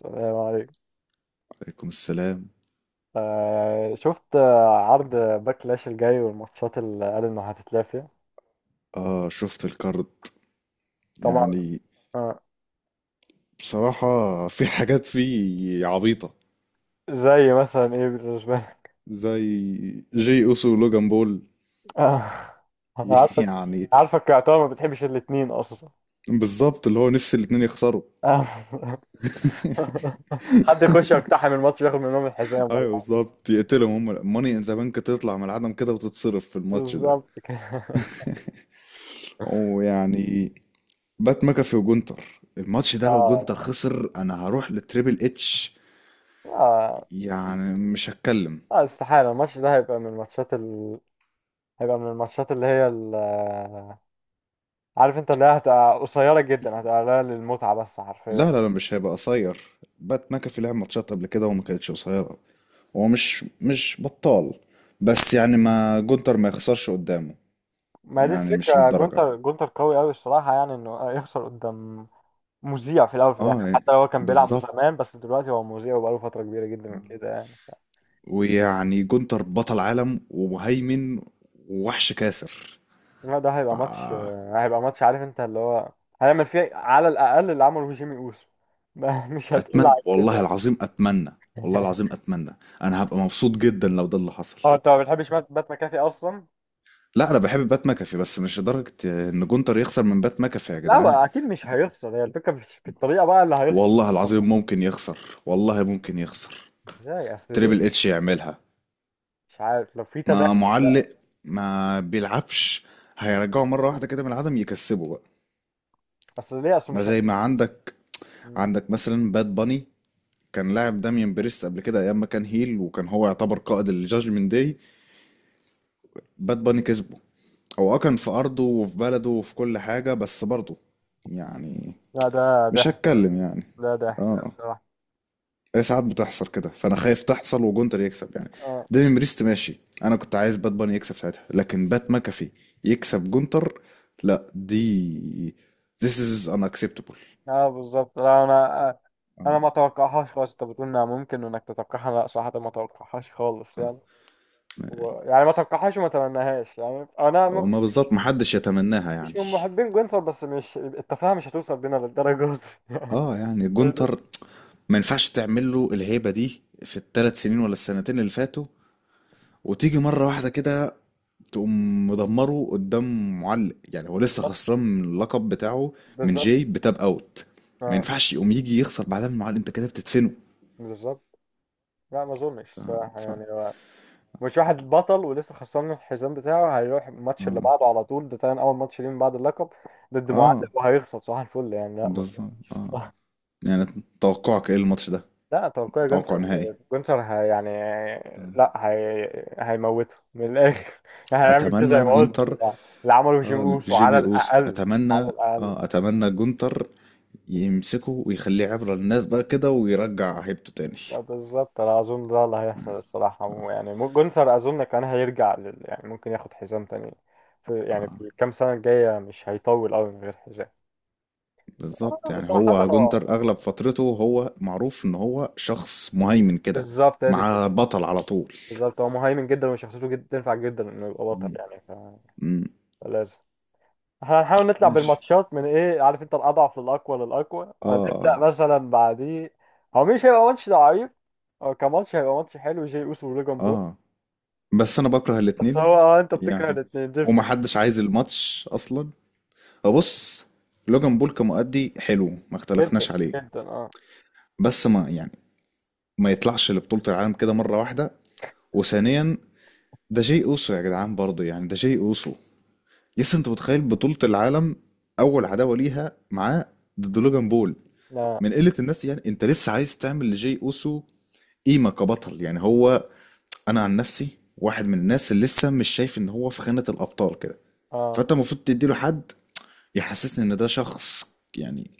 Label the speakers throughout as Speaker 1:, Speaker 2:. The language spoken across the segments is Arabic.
Speaker 1: تمام عليك.
Speaker 2: عليكم السلام.
Speaker 1: شفت، عرض باكلاش الجاي والماتشات اللي قالوا انها هتتلعب فيها.
Speaker 2: اه، شفت الكارد.
Speaker 1: طبعا.
Speaker 2: يعني
Speaker 1: آه.
Speaker 2: بصراحة في حاجات فيه عبيطة،
Speaker 1: زي مثلا ايه بالنسبه لك؟
Speaker 2: زي جي اوسو ولوجان بول.
Speaker 1: آه. أنا عارفك.
Speaker 2: يعني
Speaker 1: عارفك، يا طبعا ما بتحبش الاتنين اصلا.
Speaker 2: بالظبط، اللي هو نفس الاتنين يخسروا.
Speaker 1: آه. حد يخش يقتحم الماتش وياخد منهم الحزام ولا
Speaker 2: ايوه
Speaker 1: حاجة.
Speaker 2: بالظبط، يقتلهم هم ماني ان ذا بانك، تطلع من العدم كده وتتصرف في الماتش ده.
Speaker 1: بالظبط كده.
Speaker 2: ويعني بات ماكافي وجونتر، الماتش ده لو جونتر
Speaker 1: آه.
Speaker 2: خسر انا هروح للتريبل اتش،
Speaker 1: آه.
Speaker 2: يعني مش هتكلم.
Speaker 1: آه، استحالة الماتش ده هيبقى من الماتشات هيبقى من الماتشات اللي هي ال... آه، عارف انت اللي هي هتبقى قصيرة جدا، هتبقى قليلة للمتعة بس حرفيا.
Speaker 2: لا لا لا، مش هيبقى قصير. بات ماكافي لعب ماتشات قبل كده وما كانتش قصيرة. هو مش بطال، بس يعني ما جونتر ما يخسرش قدامه،
Speaker 1: ما دي
Speaker 2: يعني مش
Speaker 1: الفكرة،
Speaker 2: للدرجة.
Speaker 1: جونتر قوي قوي الصراحة، يعني انه يخسر قدام مذيع في الاول وفي الاخر.
Speaker 2: اه يعني
Speaker 1: حتى لو هو كان بيلعب
Speaker 2: بالظبط.
Speaker 1: زمان بس دلوقتي هو مذيع وبقاله فترة كبيرة جدا من كده يعني.
Speaker 2: ويعني جونتر بطل عالم ومهيمن ووحش كاسر.
Speaker 1: لا ده
Speaker 2: ف
Speaker 1: هيبقى ماتش، هيبقى ماتش، عارف انت اللي هو هيعمل فيه على الاقل اللي عمله في جيمي اوسو. مش هتقل
Speaker 2: اتمنى
Speaker 1: عن
Speaker 2: والله
Speaker 1: كده.
Speaker 2: العظيم اتمنى، والله العظيم اتمنى. انا هبقى مبسوط جدا لو ده اللي حصل.
Speaker 1: اه انت ما بتحبش بات مكافي اصلا.
Speaker 2: لا انا بحب بات ماكافي، بس مش لدرجة ان جونتر يخسر من بات ماكافي يا
Speaker 1: لا هو
Speaker 2: جدعان.
Speaker 1: اكيد مش هيخسر، هي الفكرة مش في الطريقة بقى اللي هيخسر.
Speaker 2: والله العظيم ممكن يخسر، والله ممكن يخسر.
Speaker 1: ازاي؟ اصل ليه؟
Speaker 2: تريبل اتش يعملها،
Speaker 1: مش عارف لو في
Speaker 2: ما
Speaker 1: تدخل بقى.
Speaker 2: معلق، ما بيلعبش. هيرجعه مرة واحدة كده من العدم يكسبه بقى.
Speaker 1: اصل ليه؟ اصل
Speaker 2: ما
Speaker 1: مش هي...
Speaker 2: زي ما عندك، عندك مثلا باد باني، كان لاعب داميان بريست قبل كده ايام ما كان هيل، وكان هو يعتبر قائد الجاجمنت داي. باد باني كسبه، هو اه كان في ارضه وفي بلده وفي كل حاجة، بس برضه يعني
Speaker 1: لا ده
Speaker 2: مش
Speaker 1: ضحك.
Speaker 2: هتكلم يعني.
Speaker 1: ده ضحك
Speaker 2: اه،
Speaker 1: الصراحة.
Speaker 2: هي ساعات بتحصل كده، فانا خايف تحصل وجونتر يكسب يعني.
Speaker 1: اه
Speaker 2: ديفين بريست ماشي، انا كنت عايز بات باني يكسب ساعتها، لكن بات ماكافي يكسب جونتر، لا دي this is unacceptable.
Speaker 1: اه بالظبط. لا انا انا ما توقعهاش خالص. انت بتقول انها ممكن انك تتوقعها، لا صراحة ما توقعهاش خالص يعني. يعني ما توقعهاش وما تمناهاش يعني. انا ما
Speaker 2: او
Speaker 1: ب-
Speaker 2: ما بالظبط،
Speaker 1: مش
Speaker 2: محدش يتمناها يعني.
Speaker 1: مش من محبين جونثر، بس مش التفاهة مش هتوصل بينا للدرجة
Speaker 2: اه يعني
Speaker 1: دي.
Speaker 2: جونتر ما ينفعش تعمل له الهيبة دي في الثلاث سنين ولا السنتين اللي فاتوا، وتيجي مرة واحدة كده تقوم مدمره قدام معلق. يعني هو لسه
Speaker 1: بالظبط.
Speaker 2: خسران من اللقب بتاعه، من
Speaker 1: بالظبط.
Speaker 2: جاي بتاب اوت، ما
Speaker 1: اه
Speaker 2: ينفعش يقوم يجي يخسر بعدها من معلق. انت كده بتدفنه.
Speaker 1: بالظبط. لا ما اظنش الصراحة
Speaker 2: ف... ف...
Speaker 1: يعني. مش واحد بطل ولسه خسران من الحزام بتاعه هيروح الماتش اللي
Speaker 2: اه
Speaker 1: بعده على طول، ده تاني اول ماتش ليه من بعد اللقب، ضد معلق،
Speaker 2: اه
Speaker 1: وهيخسر؟ صح الفل يعني، لا ما اظنش.
Speaker 2: بالظبط اه. يعني توقعك ايه الماتش ده؟
Speaker 1: لا توقعي
Speaker 2: توقع
Speaker 1: جونسر.
Speaker 2: نهائي.
Speaker 1: جونسر هي يعني، لا هي هيموته من الاخر. يعني هيعمل كده زي
Speaker 2: اتمنى
Speaker 1: ما قلت
Speaker 2: جونتر.
Speaker 1: اللي عمله جيم
Speaker 2: اه
Speaker 1: اوسو على
Speaker 2: جيمي اوسو،
Speaker 1: الاقل. على
Speaker 2: اتمنى.
Speaker 1: الاقل.
Speaker 2: اه اتمنى جونتر يمسكه ويخليه عبرة للناس بقى كده، ويرجع هيبته تاني.
Speaker 1: لا بالظبط، انا اظن ده اللي هيحصل الصراحه يعني. جونسر اظن كان هيرجع يعني ممكن ياخد حزام تاني في يعني في الكام سنه الجايه، مش هيطول قوي من غير حزام.
Speaker 2: بالظبط، يعني
Speaker 1: صراحه
Speaker 2: هو
Speaker 1: هو
Speaker 2: جندر اغلب فترته هو معروف ان هو شخص مهيمن كده،
Speaker 1: بالظبط هي دي
Speaker 2: مع
Speaker 1: الفكره.
Speaker 2: بطل على طول.
Speaker 1: بالظبط، هو مهيمن جدا وشخصيته جدا تنفع جدا انه يبقى بطل يعني
Speaker 2: امم
Speaker 1: فلازم. احنا هنحاول نطلع
Speaker 2: ماشي.
Speaker 1: بالماتشات من ايه عارف انت، الاضعف للاقوى للاقوى،
Speaker 2: اه اه
Speaker 1: فنبدا مثلا بعديه. هو مش هيبقى ماتش ضعيف. هو كماتش هيبقى ماتش حلو، جي اوسو ولوجان بول.
Speaker 2: اه. بس انا بكره
Speaker 1: بس
Speaker 2: الاتنين،
Speaker 1: هو اه، انت بتكره
Speaker 2: يعني
Speaker 1: الاثنين دي الفكره.
Speaker 2: ومحدش عايز الماتش اصلا. بص، لوجان بول كمؤدي حلو، ما
Speaker 1: جدا
Speaker 2: اختلفناش عليه،
Speaker 1: جدا اه.
Speaker 2: بس ما يعني ما يطلعش لبطولة العالم كده مرة واحدة. وثانيا، ده جاي اوسو يا جدعان، برضه يعني ده جاي اوسو. يس، انت متخيل بطولة العالم اول عداوة ليها معاه ضد لوجان بول؟
Speaker 1: لا
Speaker 2: من قلة الناس، يعني انت لسه عايز تعمل لجي اوسو قيمة كبطل، يعني هو انا عن نفسي واحد من الناس اللي لسه مش شايف ان هو في خانة الابطال كده.
Speaker 1: اه.
Speaker 2: فانت المفروض تديله حد يحسسني ان ده شخص، يعني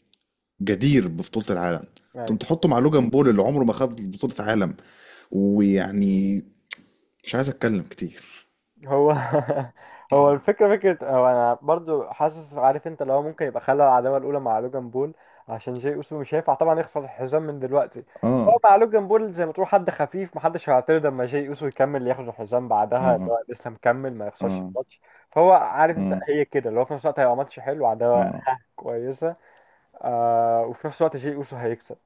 Speaker 2: جدير ببطولة العالم. انتم
Speaker 1: أيوة.
Speaker 2: تحطه مع لوجان بول اللي عمره ما خد بطولة عالم. ويعني مش عايز اتكلم كتير.
Speaker 1: هو هو الفكرة فكرة، هو أنا برضو حاسس عارف أنت اللي هو ممكن يبقى خلى العداوة الأولى مع لوجان بول عشان جاي أوسو مش هينفع طبعا يخسر الحزام من دلوقتي. هو
Speaker 2: اه
Speaker 1: مع لوجان بول زي ما تقول حد خفيف، محدش هيعترض لما جاي أوسو يكمل ياخد الحزام بعدها اللي
Speaker 2: اه
Speaker 1: هو لسه مكمل ما يخسرش
Speaker 2: اه
Speaker 1: الماتش. فهو عارف
Speaker 2: اه
Speaker 1: أنت
Speaker 2: اه
Speaker 1: هي كده اللي هو في نفس الوقت هيبقى ماتش حلو، عداوة
Speaker 2: اه.
Speaker 1: ها كويسة. آه، وفي نفس الوقت جاي أوسو هيكسب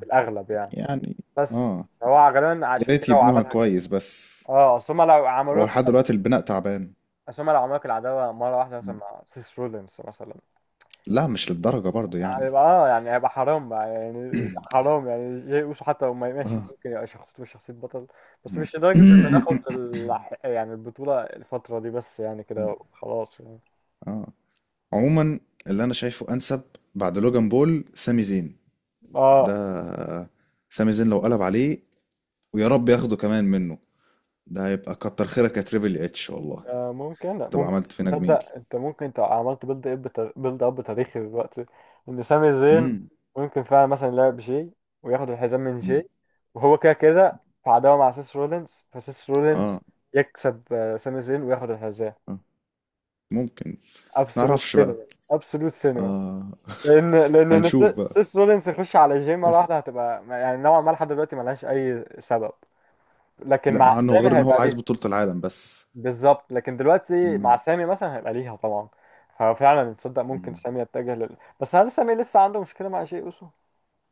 Speaker 1: في الأغلب يعني.
Speaker 2: يعني
Speaker 1: بس
Speaker 2: اه
Speaker 1: هو غالبا
Speaker 2: يا
Speaker 1: عشان
Speaker 2: ريت
Speaker 1: كده هو
Speaker 2: يبنوها
Speaker 1: عملها كده.
Speaker 2: كويس بس،
Speaker 1: اه اصل هما لو
Speaker 2: هو
Speaker 1: عملوا لك،
Speaker 2: لحد دلوقتي البناء تعبان.
Speaker 1: بس هما لو عملوا العداوة مرة واحدة مثلا مع سيس رولينز مثلا
Speaker 2: لا مش للدرجة برضو يعني.
Speaker 1: هيبقى اه يعني هيبقى حرام بقى، يعني حرام يعني. جاي اوسو حتى لو ما ماشي
Speaker 2: اه
Speaker 1: ممكن يبقى شخصيته مش شخصية بطل، بس مش لدرجة انه ياخد يعني البطولة الفترة دي، بس يعني كده خلاص يعني.
Speaker 2: اه. عموما اللي انا شايفه انسب بعد لوجان بول، سامي زين.
Speaker 1: اه.
Speaker 2: ده سامي زين لو قلب عليه، ويا رب ياخده كمان منه، ده هيبقى كتر خيرك يا تريبل اتش والله،
Speaker 1: آه، ممكن. لا
Speaker 2: تبقى
Speaker 1: ممكن.
Speaker 2: عملت فينا جميل.
Speaker 1: تصدق انت ممكن، انت عملت بيلد اب بيلد اب تاريخي دلوقتي. ان سامي زين
Speaker 2: امم.
Speaker 1: ممكن فعلا مثلا يلعب جي وياخد الحزام من
Speaker 2: أمم.
Speaker 1: جي. وهو كده كده في عداوه مع سيس رولينز، فسيس رولينز
Speaker 2: اه
Speaker 1: يكسب، سامي زين وياخد الحزام.
Speaker 2: اه ممكن.
Speaker 1: ابسولوت
Speaker 2: نعرفش بقى.
Speaker 1: سينما. ابسولوت سينما.
Speaker 2: اه
Speaker 1: لان
Speaker 2: هنشوف بقى.
Speaker 1: سيس رولينز يخش على جي مره
Speaker 2: بس
Speaker 1: واحده هتبقى يعني نوعا ما لحد دلوقتي ملهاش اي سبب. لكن
Speaker 2: لا
Speaker 1: مع
Speaker 2: عنه
Speaker 1: سامي
Speaker 2: غير ان هو
Speaker 1: هيبقى،
Speaker 2: عايز بطولة العالم بس.
Speaker 1: بالظبط، لكن دلوقتي
Speaker 2: مم.
Speaker 1: مع سامي مثلا هيبقى ليها طبعا. ففعلا تصدق ممكن
Speaker 2: مم.
Speaker 1: سامي يتجه بس هل سامي لسه عنده مشكله مع شيء اوسو؟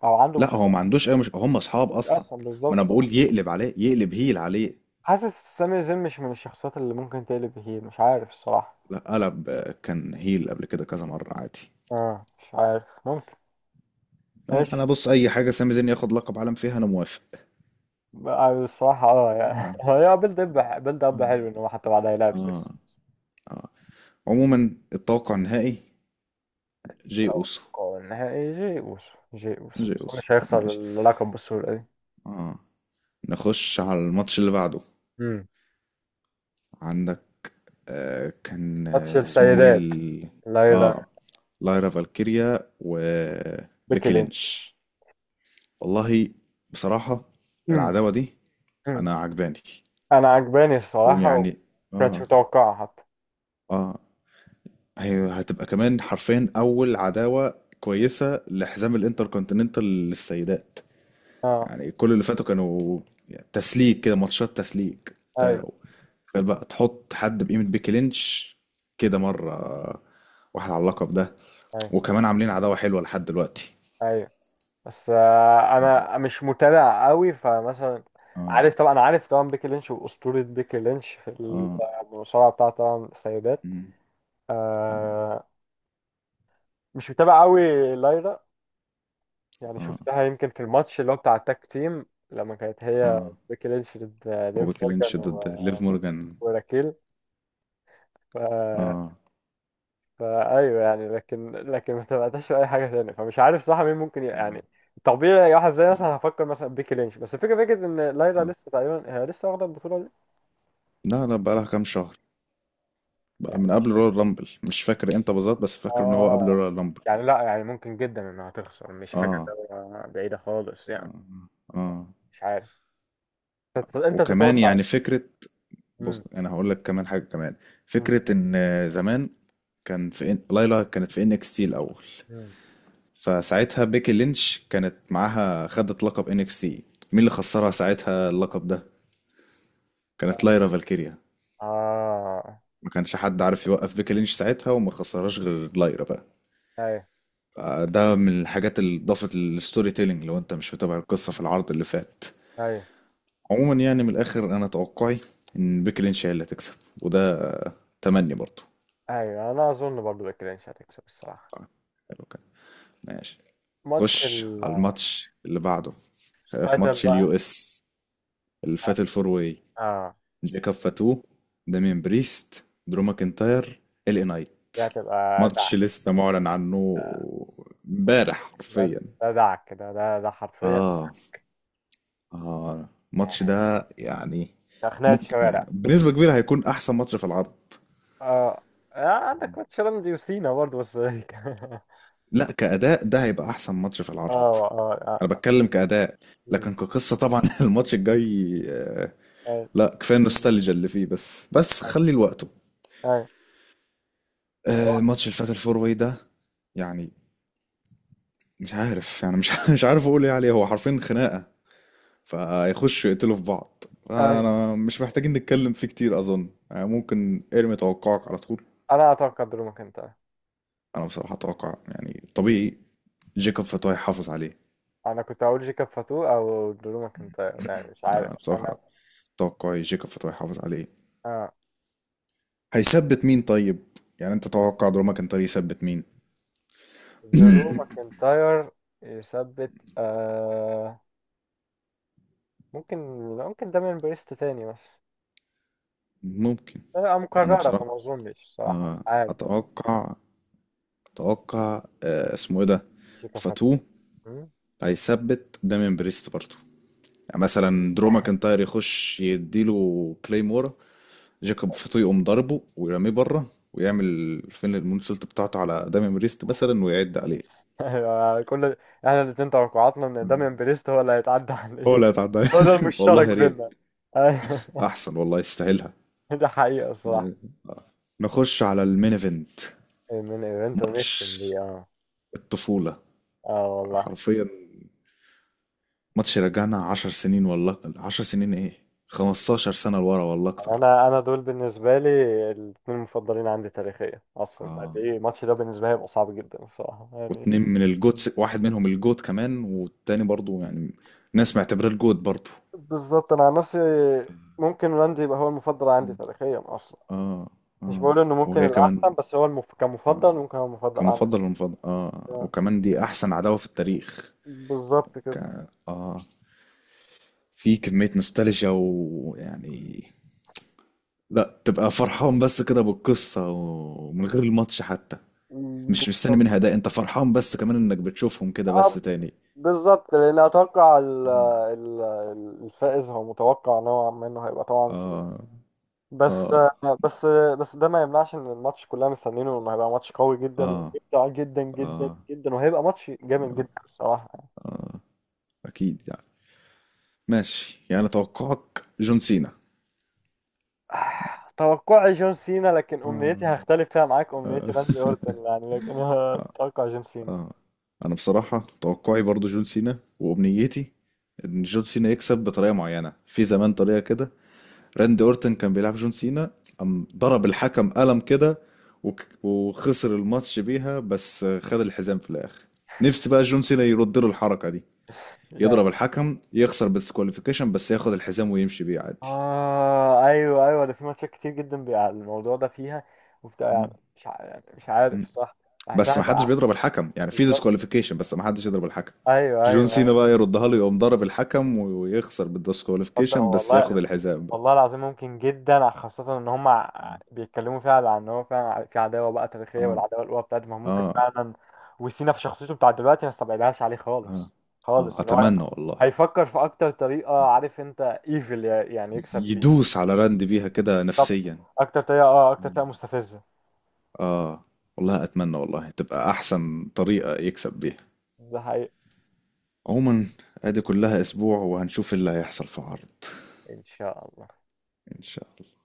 Speaker 1: او عنده
Speaker 2: لا
Speaker 1: مشكله
Speaker 2: هو ما
Speaker 1: اصلا؟
Speaker 2: عندوش اي، مش هم
Speaker 1: ما
Speaker 2: اصحاب
Speaker 1: كنتش
Speaker 2: اصلا.
Speaker 1: اصلا
Speaker 2: ما
Speaker 1: بالظبط
Speaker 2: انا بقول يقلب عليه، يقلب هيل عليه.
Speaker 1: حاسس سامي زين مش من الشخصيات اللي ممكن تقلب هيل، مش عارف الصراحه.
Speaker 2: لا قلب آه، كان هيل قبل كده كذا مرة عادي.
Speaker 1: اه مش عارف، ممكن.
Speaker 2: آه، انا
Speaker 1: ماشي.
Speaker 2: بص، اي حاجة سامي زين ياخد لقب عالم فيها انا موافق.
Speaker 1: بقى الصراحه اه يعني
Speaker 2: اه
Speaker 1: هي بيلد اب بيلد اب
Speaker 2: اه
Speaker 1: حلو ان هو حتى بعدها يلعب سيس.
Speaker 2: اه اه. عموما التوقع النهائي جي اوسو.
Speaker 1: توقع النهائي جي اوسو. جي اوسو،
Speaker 2: جي
Speaker 1: بس هو
Speaker 2: اوسو
Speaker 1: مش هيخسر
Speaker 2: ماشي.
Speaker 1: اللقب بالسهوله دي.
Speaker 2: اه، نخش على الماتش اللي بعده.
Speaker 1: امم.
Speaker 2: عندك آه، كان
Speaker 1: ماتش
Speaker 2: آه، اسمهم ايه
Speaker 1: السيدات.
Speaker 2: ال...؟
Speaker 1: لايرا،
Speaker 2: اه، لايرا فالكيريا
Speaker 1: بيكي
Speaker 2: وبيكي
Speaker 1: لينش.
Speaker 2: لينش. والله بصراحة
Speaker 1: امم.
Speaker 2: العداوة دي
Speaker 1: امم.
Speaker 2: انا عجباني.
Speaker 1: انا عجباني الصراحه.
Speaker 2: ويعني
Speaker 1: وكانتش
Speaker 2: اه
Speaker 1: متوقعه حتى.
Speaker 2: اه. هي هتبقى كمان حرفيا اول عداوة كويسة لحزام الانتركونتيننتال للسيدات.
Speaker 1: اه
Speaker 2: يعني كل اللي فاتوا كانوا تسليك كده، ماتشات تسليك ده.
Speaker 1: ايوه
Speaker 2: تخيل بقى تحط حد بقيمة بيكي لينش كده مرة واحد على اللقب ده،
Speaker 1: ايوه
Speaker 2: وكمان عاملين عداوة حلوة لحد دلوقتي.
Speaker 1: ايوه. بس آه انا مش متابع قوي فمثلا.
Speaker 2: اه
Speaker 1: عارف طبعا، انا عارف طبعا بيكي لينش واسطوره. بيكي لينش في
Speaker 2: اه
Speaker 1: المصارعه بتاعه طبعا السيدات.
Speaker 2: مم، مم،
Speaker 1: آه مش متابع قوي. لايرا يعني
Speaker 2: اه
Speaker 1: شفتها يمكن في الماتش اللي هو بتاع التاك تيم، لما كانت هي
Speaker 2: اه.
Speaker 1: بيكي لينش ضد ليف
Speaker 2: وبيكي
Speaker 1: مورجان
Speaker 2: لينش ضد ليف مورجان.
Speaker 1: وراكيل. آه،
Speaker 2: اه
Speaker 1: فايوه يعني، لكن ما تبعتش في اي حاجه تانية، فمش عارف صح مين ممكن
Speaker 2: اه.
Speaker 1: يعني طبيعي واحد زي مثلا هفكر مثلا بيكي لينش. بس الفكره فكره ان لايلا
Speaker 2: آه.
Speaker 1: لسه تقريبا هي لسه واخده البطوله دي
Speaker 2: لا لا، بقى لها كام شهر، بقى
Speaker 1: يعني
Speaker 2: من قبل رويال رامبل. مش فاكر امتى بالظبط، بس فاكر ان هو قبل
Speaker 1: اه
Speaker 2: رويال رامبل.
Speaker 1: يعني لا يعني ممكن جدا انها تخسر، مش حاجه
Speaker 2: اه
Speaker 1: اللي هو بعيده خالص يعني.
Speaker 2: اه اه.
Speaker 1: مش عارف. انت
Speaker 2: وكمان
Speaker 1: تتوقع.
Speaker 2: يعني فكرة، بص
Speaker 1: امم.
Speaker 2: انا هقول لك كمان حاجه كمان،
Speaker 1: امم.
Speaker 2: فكره ان زمان كان في ليلى كانت في ان اكس تي الاول،
Speaker 1: أمم.
Speaker 2: فساعتها بيكي لينش كانت معاها، خدت لقب ان اكس تي. مين اللي خسرها ساعتها اللقب ده؟ كانت ليرا فالكيريا.
Speaker 1: اه
Speaker 2: ما كانش حد عارف يوقف بيكي لينش ساعتها، وما خسرهاش غير ليرا بقى.
Speaker 1: ايوه
Speaker 2: آه، ده من الحاجات اللي ضافت للستوري تيلينج، لو انت مش متابع القصه في العرض اللي فات.
Speaker 1: ايوه
Speaker 2: عموما يعني من الاخر، انا توقعي ان بيكي لينش هي اللي هتكسب، وده آه، تمني برضو.
Speaker 1: ايوه. انا اظن برضه بيكي لينش هتكسب الصراحه.
Speaker 2: آه، حلو كده ماشي.
Speaker 1: ماتش
Speaker 2: خش على
Speaker 1: الفاتل.
Speaker 2: الماتش اللي بعده، في ماتش
Speaker 1: بقى
Speaker 2: اليو اس اللي فات، الفور واي.
Speaker 1: اه.
Speaker 2: جاكوب فاتو، دامين بريست، درو ماكنتاير، ال اي نايت.
Speaker 1: دي هتبقى،
Speaker 2: ماتش لسه معلن عنه امبارح
Speaker 1: ده
Speaker 2: حرفيا.
Speaker 1: ده دعك ده ده ده حرفيا.
Speaker 2: اه اه. الماتش ده يعني
Speaker 1: ده خناقة
Speaker 2: ممكن، يعني
Speaker 1: شوارع.
Speaker 2: بنسبة كبيرة هيكون احسن ماتش في العرض.
Speaker 1: اه. آه، عندك ماتش رمزي وسينا برضه بس اه.
Speaker 2: لا كأداء، ده هيبقى احسن ماتش في العرض.
Speaker 1: اه
Speaker 2: انا
Speaker 1: اه.
Speaker 2: بتكلم كأداء،
Speaker 1: مم.
Speaker 2: لكن كقصة طبعا الماتش الجاي آه،
Speaker 1: اي
Speaker 2: لا كفايه النوستالجيا اللي فيه، بس بس خلي لوقته.
Speaker 1: اي
Speaker 2: آه، ماتش الفات الفور واي ده يعني مش عارف، يعني مش مش عارف اقول ايه عليه. هو حرفيا خناقه، فيخشوا يقتلوا في بعض.
Speaker 1: اي.
Speaker 2: انا مش محتاجين نتكلم فيه كتير اظن، يعني ممكن ارمي توقعك على طول.
Speaker 1: انا اتوقع درو ماكنتاير.
Speaker 2: انا بصراحه اتوقع، يعني طبيعي، جيكوب فتوى يحافظ عليه.
Speaker 1: انا كنت هقول جيكاب فاتو او درو ماكنتاير يعني مش عارف
Speaker 2: لا
Speaker 1: انا.
Speaker 2: بصراحه توقعي جيكوب فتوى يحافظ عليه.
Speaker 1: اه
Speaker 2: هيثبت مين طيب؟ يعني انت تتوقع دروما كان طريق يثبت مين؟
Speaker 1: درو ماكنتاير يثبت آه. ممكن. ممكن دامين بريست تاني بس
Speaker 2: ممكن.
Speaker 1: آه
Speaker 2: انا
Speaker 1: مكررة
Speaker 2: بصراحه
Speaker 1: فما اظنش صراحة مش
Speaker 2: آه،
Speaker 1: عارف.
Speaker 2: اتوقع، اتوقع آه، اسمه ايه ده،
Speaker 1: جيكاب
Speaker 2: فاتو
Speaker 1: فاتو.
Speaker 2: هيثبت دامين بريست برضه. يعني مثلا درو ماكنتاير يخش يديله كليمورا، جاكوب فاتو يقوم ضربه ويرميه بره ويعمل فين المونسولت بتاعته على دامين بريست مثلا ويعد عليه.
Speaker 1: أيوة، كل، احنا الاتنين توقعاتنا ان
Speaker 2: مم.
Speaker 1: داميان بريست هو اللي هيتعدى على
Speaker 2: هو
Speaker 1: الايد.
Speaker 2: لا يتعدى عليه.
Speaker 1: هو ده المشترك
Speaker 2: والله يا
Speaker 1: بينا.
Speaker 2: ريت،
Speaker 1: أيوة.
Speaker 2: احسن والله، يستاهلها.
Speaker 1: ده حقيقة الصراحة.
Speaker 2: آه. نخش على المين ايفنت،
Speaker 1: من ايفنت ونختم
Speaker 2: ماتش
Speaker 1: بيه اه.
Speaker 2: الطفولة
Speaker 1: اه والله.
Speaker 2: حرفيا. ماتش رجعنا عشر سنين، والله عشر سنين ايه، 15 سنة لورا، والله
Speaker 1: يعني
Speaker 2: اكتر.
Speaker 1: انا دول بالنسبة لي الاتنين المفضلين عندي تاريخيا اصلا. قد
Speaker 2: اه،
Speaker 1: ايه الماتش ده بالنسبة لي هيبقى صعب جدا الصراحة يعني.
Speaker 2: واتنين من الجوت، واحد منهم الجوت كمان، والتاني برضو يعني ناس معتبراه الجوت برضو.
Speaker 1: بالظبط انا عن نفسي. ممكن راندي يبقى هو المفضل عندي
Speaker 2: مم.
Speaker 1: تاريخيا اصلا.
Speaker 2: اه
Speaker 1: مش
Speaker 2: اه.
Speaker 1: بقول انه ممكن
Speaker 2: وهي كمان
Speaker 1: الاحسن، بس هو كمفضل ممكن هو المفضل عندي.
Speaker 2: كمفضل ومفضل اه، وكمان دي احسن عداوة في التاريخ.
Speaker 1: بالظبط
Speaker 2: ك... اه. في كمية نوستالجيا، ويعني لا، تبقى فرحان بس كده بالقصة ومن غير الماتش حتى. مش
Speaker 1: كده.
Speaker 2: مستني منها، ده انت فرحان بس كمان انك بتشوفهم كده بس
Speaker 1: آه،
Speaker 2: تاني.
Speaker 1: بالظبط، لان اتوقع
Speaker 2: مم.
Speaker 1: الفائز هو متوقع نوعا ما انه هيبقى طبعا سينا.
Speaker 2: اه
Speaker 1: بس
Speaker 2: اه
Speaker 1: بس بس ده ما يمنعش ان الماتش كلنا مستنيينه انه هيبقى ماتش قوي جدا
Speaker 2: اه
Speaker 1: وممتع جدا جدا
Speaker 2: اه.
Speaker 1: جدا وهيبقى ماتش جامد جدا بصراحه.
Speaker 2: اكيد يعني. ماشي يعني توقعك جون سينا.
Speaker 1: آه، توقعي جون سينا، لكن امنيتي هختلف فيها معاك. امنيتي راندي اورتن يعني، لكن انا اتوقع جون سينا.
Speaker 2: انا بصراحة توقعي برضو جون سينا، وامنيتي ان جون سينا يكسب بطريقة معينة. في زمان طريقة كده، راندي اورتن كان بيلعب جون سينا، قام ضرب الحكم قلم كده، وخسر الماتش بيها، بس خد الحزام في الاخر. نفسي بقى جون سينا يرد له الحركة دي، يضرب
Speaker 1: يعني
Speaker 2: الحكم، يخسر بالسكواليفيكيشن، بس ياخد الحزام ويمشي بيه عادي.
Speaker 1: اه ايوه ايوه، ده في ماتشات كتير جدا بيبقى الموضوع ده فيها وبتاع يعني، مش ع- يعني مش عارف الصراحه،
Speaker 2: بس
Speaker 1: بحسها.
Speaker 2: ما حدش بيضرب الحكم، يعني في
Speaker 1: بالظبط
Speaker 2: ديسكواليفيكيشن، بس ما حدش يضرب الحكم.
Speaker 1: ايوه
Speaker 2: جون
Speaker 1: ايوه
Speaker 2: سينا
Speaker 1: ايوه.
Speaker 2: بقى يردها له، يقوم ضرب الحكم ويخسر
Speaker 1: تصدق
Speaker 2: بالديسكواليفيكيشن، بس ياخد
Speaker 1: والله،
Speaker 2: الحزام بقى.
Speaker 1: والله العظيم ممكن جدا خاصة ان هم بيتكلموا فعلا عن ان هو فعلا في عداوة بقى تاريخية،
Speaker 2: اه
Speaker 1: والعداوة القوى بتاعتهم ممكن
Speaker 2: اه
Speaker 1: فعلا. وسينا في شخصيته بتاع دلوقتي ما استبعدهاش عليه
Speaker 2: اه
Speaker 1: خالص.
Speaker 2: اه.
Speaker 1: خالص ان هو
Speaker 2: اتمنى والله.
Speaker 1: هيفكر في اكتر طريقة عارف انت، ايفل يعني يكسب بيها.
Speaker 2: يدوس على راند بيها كده
Speaker 1: طب
Speaker 2: نفسيا.
Speaker 1: اكتر طريقة اه، اكتر
Speaker 2: اه
Speaker 1: طريقة مستفزة.
Speaker 2: آه، والله اتمنى والله، تبقى احسن طريقة يكسب بيها.
Speaker 1: ده حقيقي.
Speaker 2: عموما ادي كلها اسبوع، وهنشوف اللي هيحصل في عرض.
Speaker 1: ان شاء الله.
Speaker 2: ان شاء الله.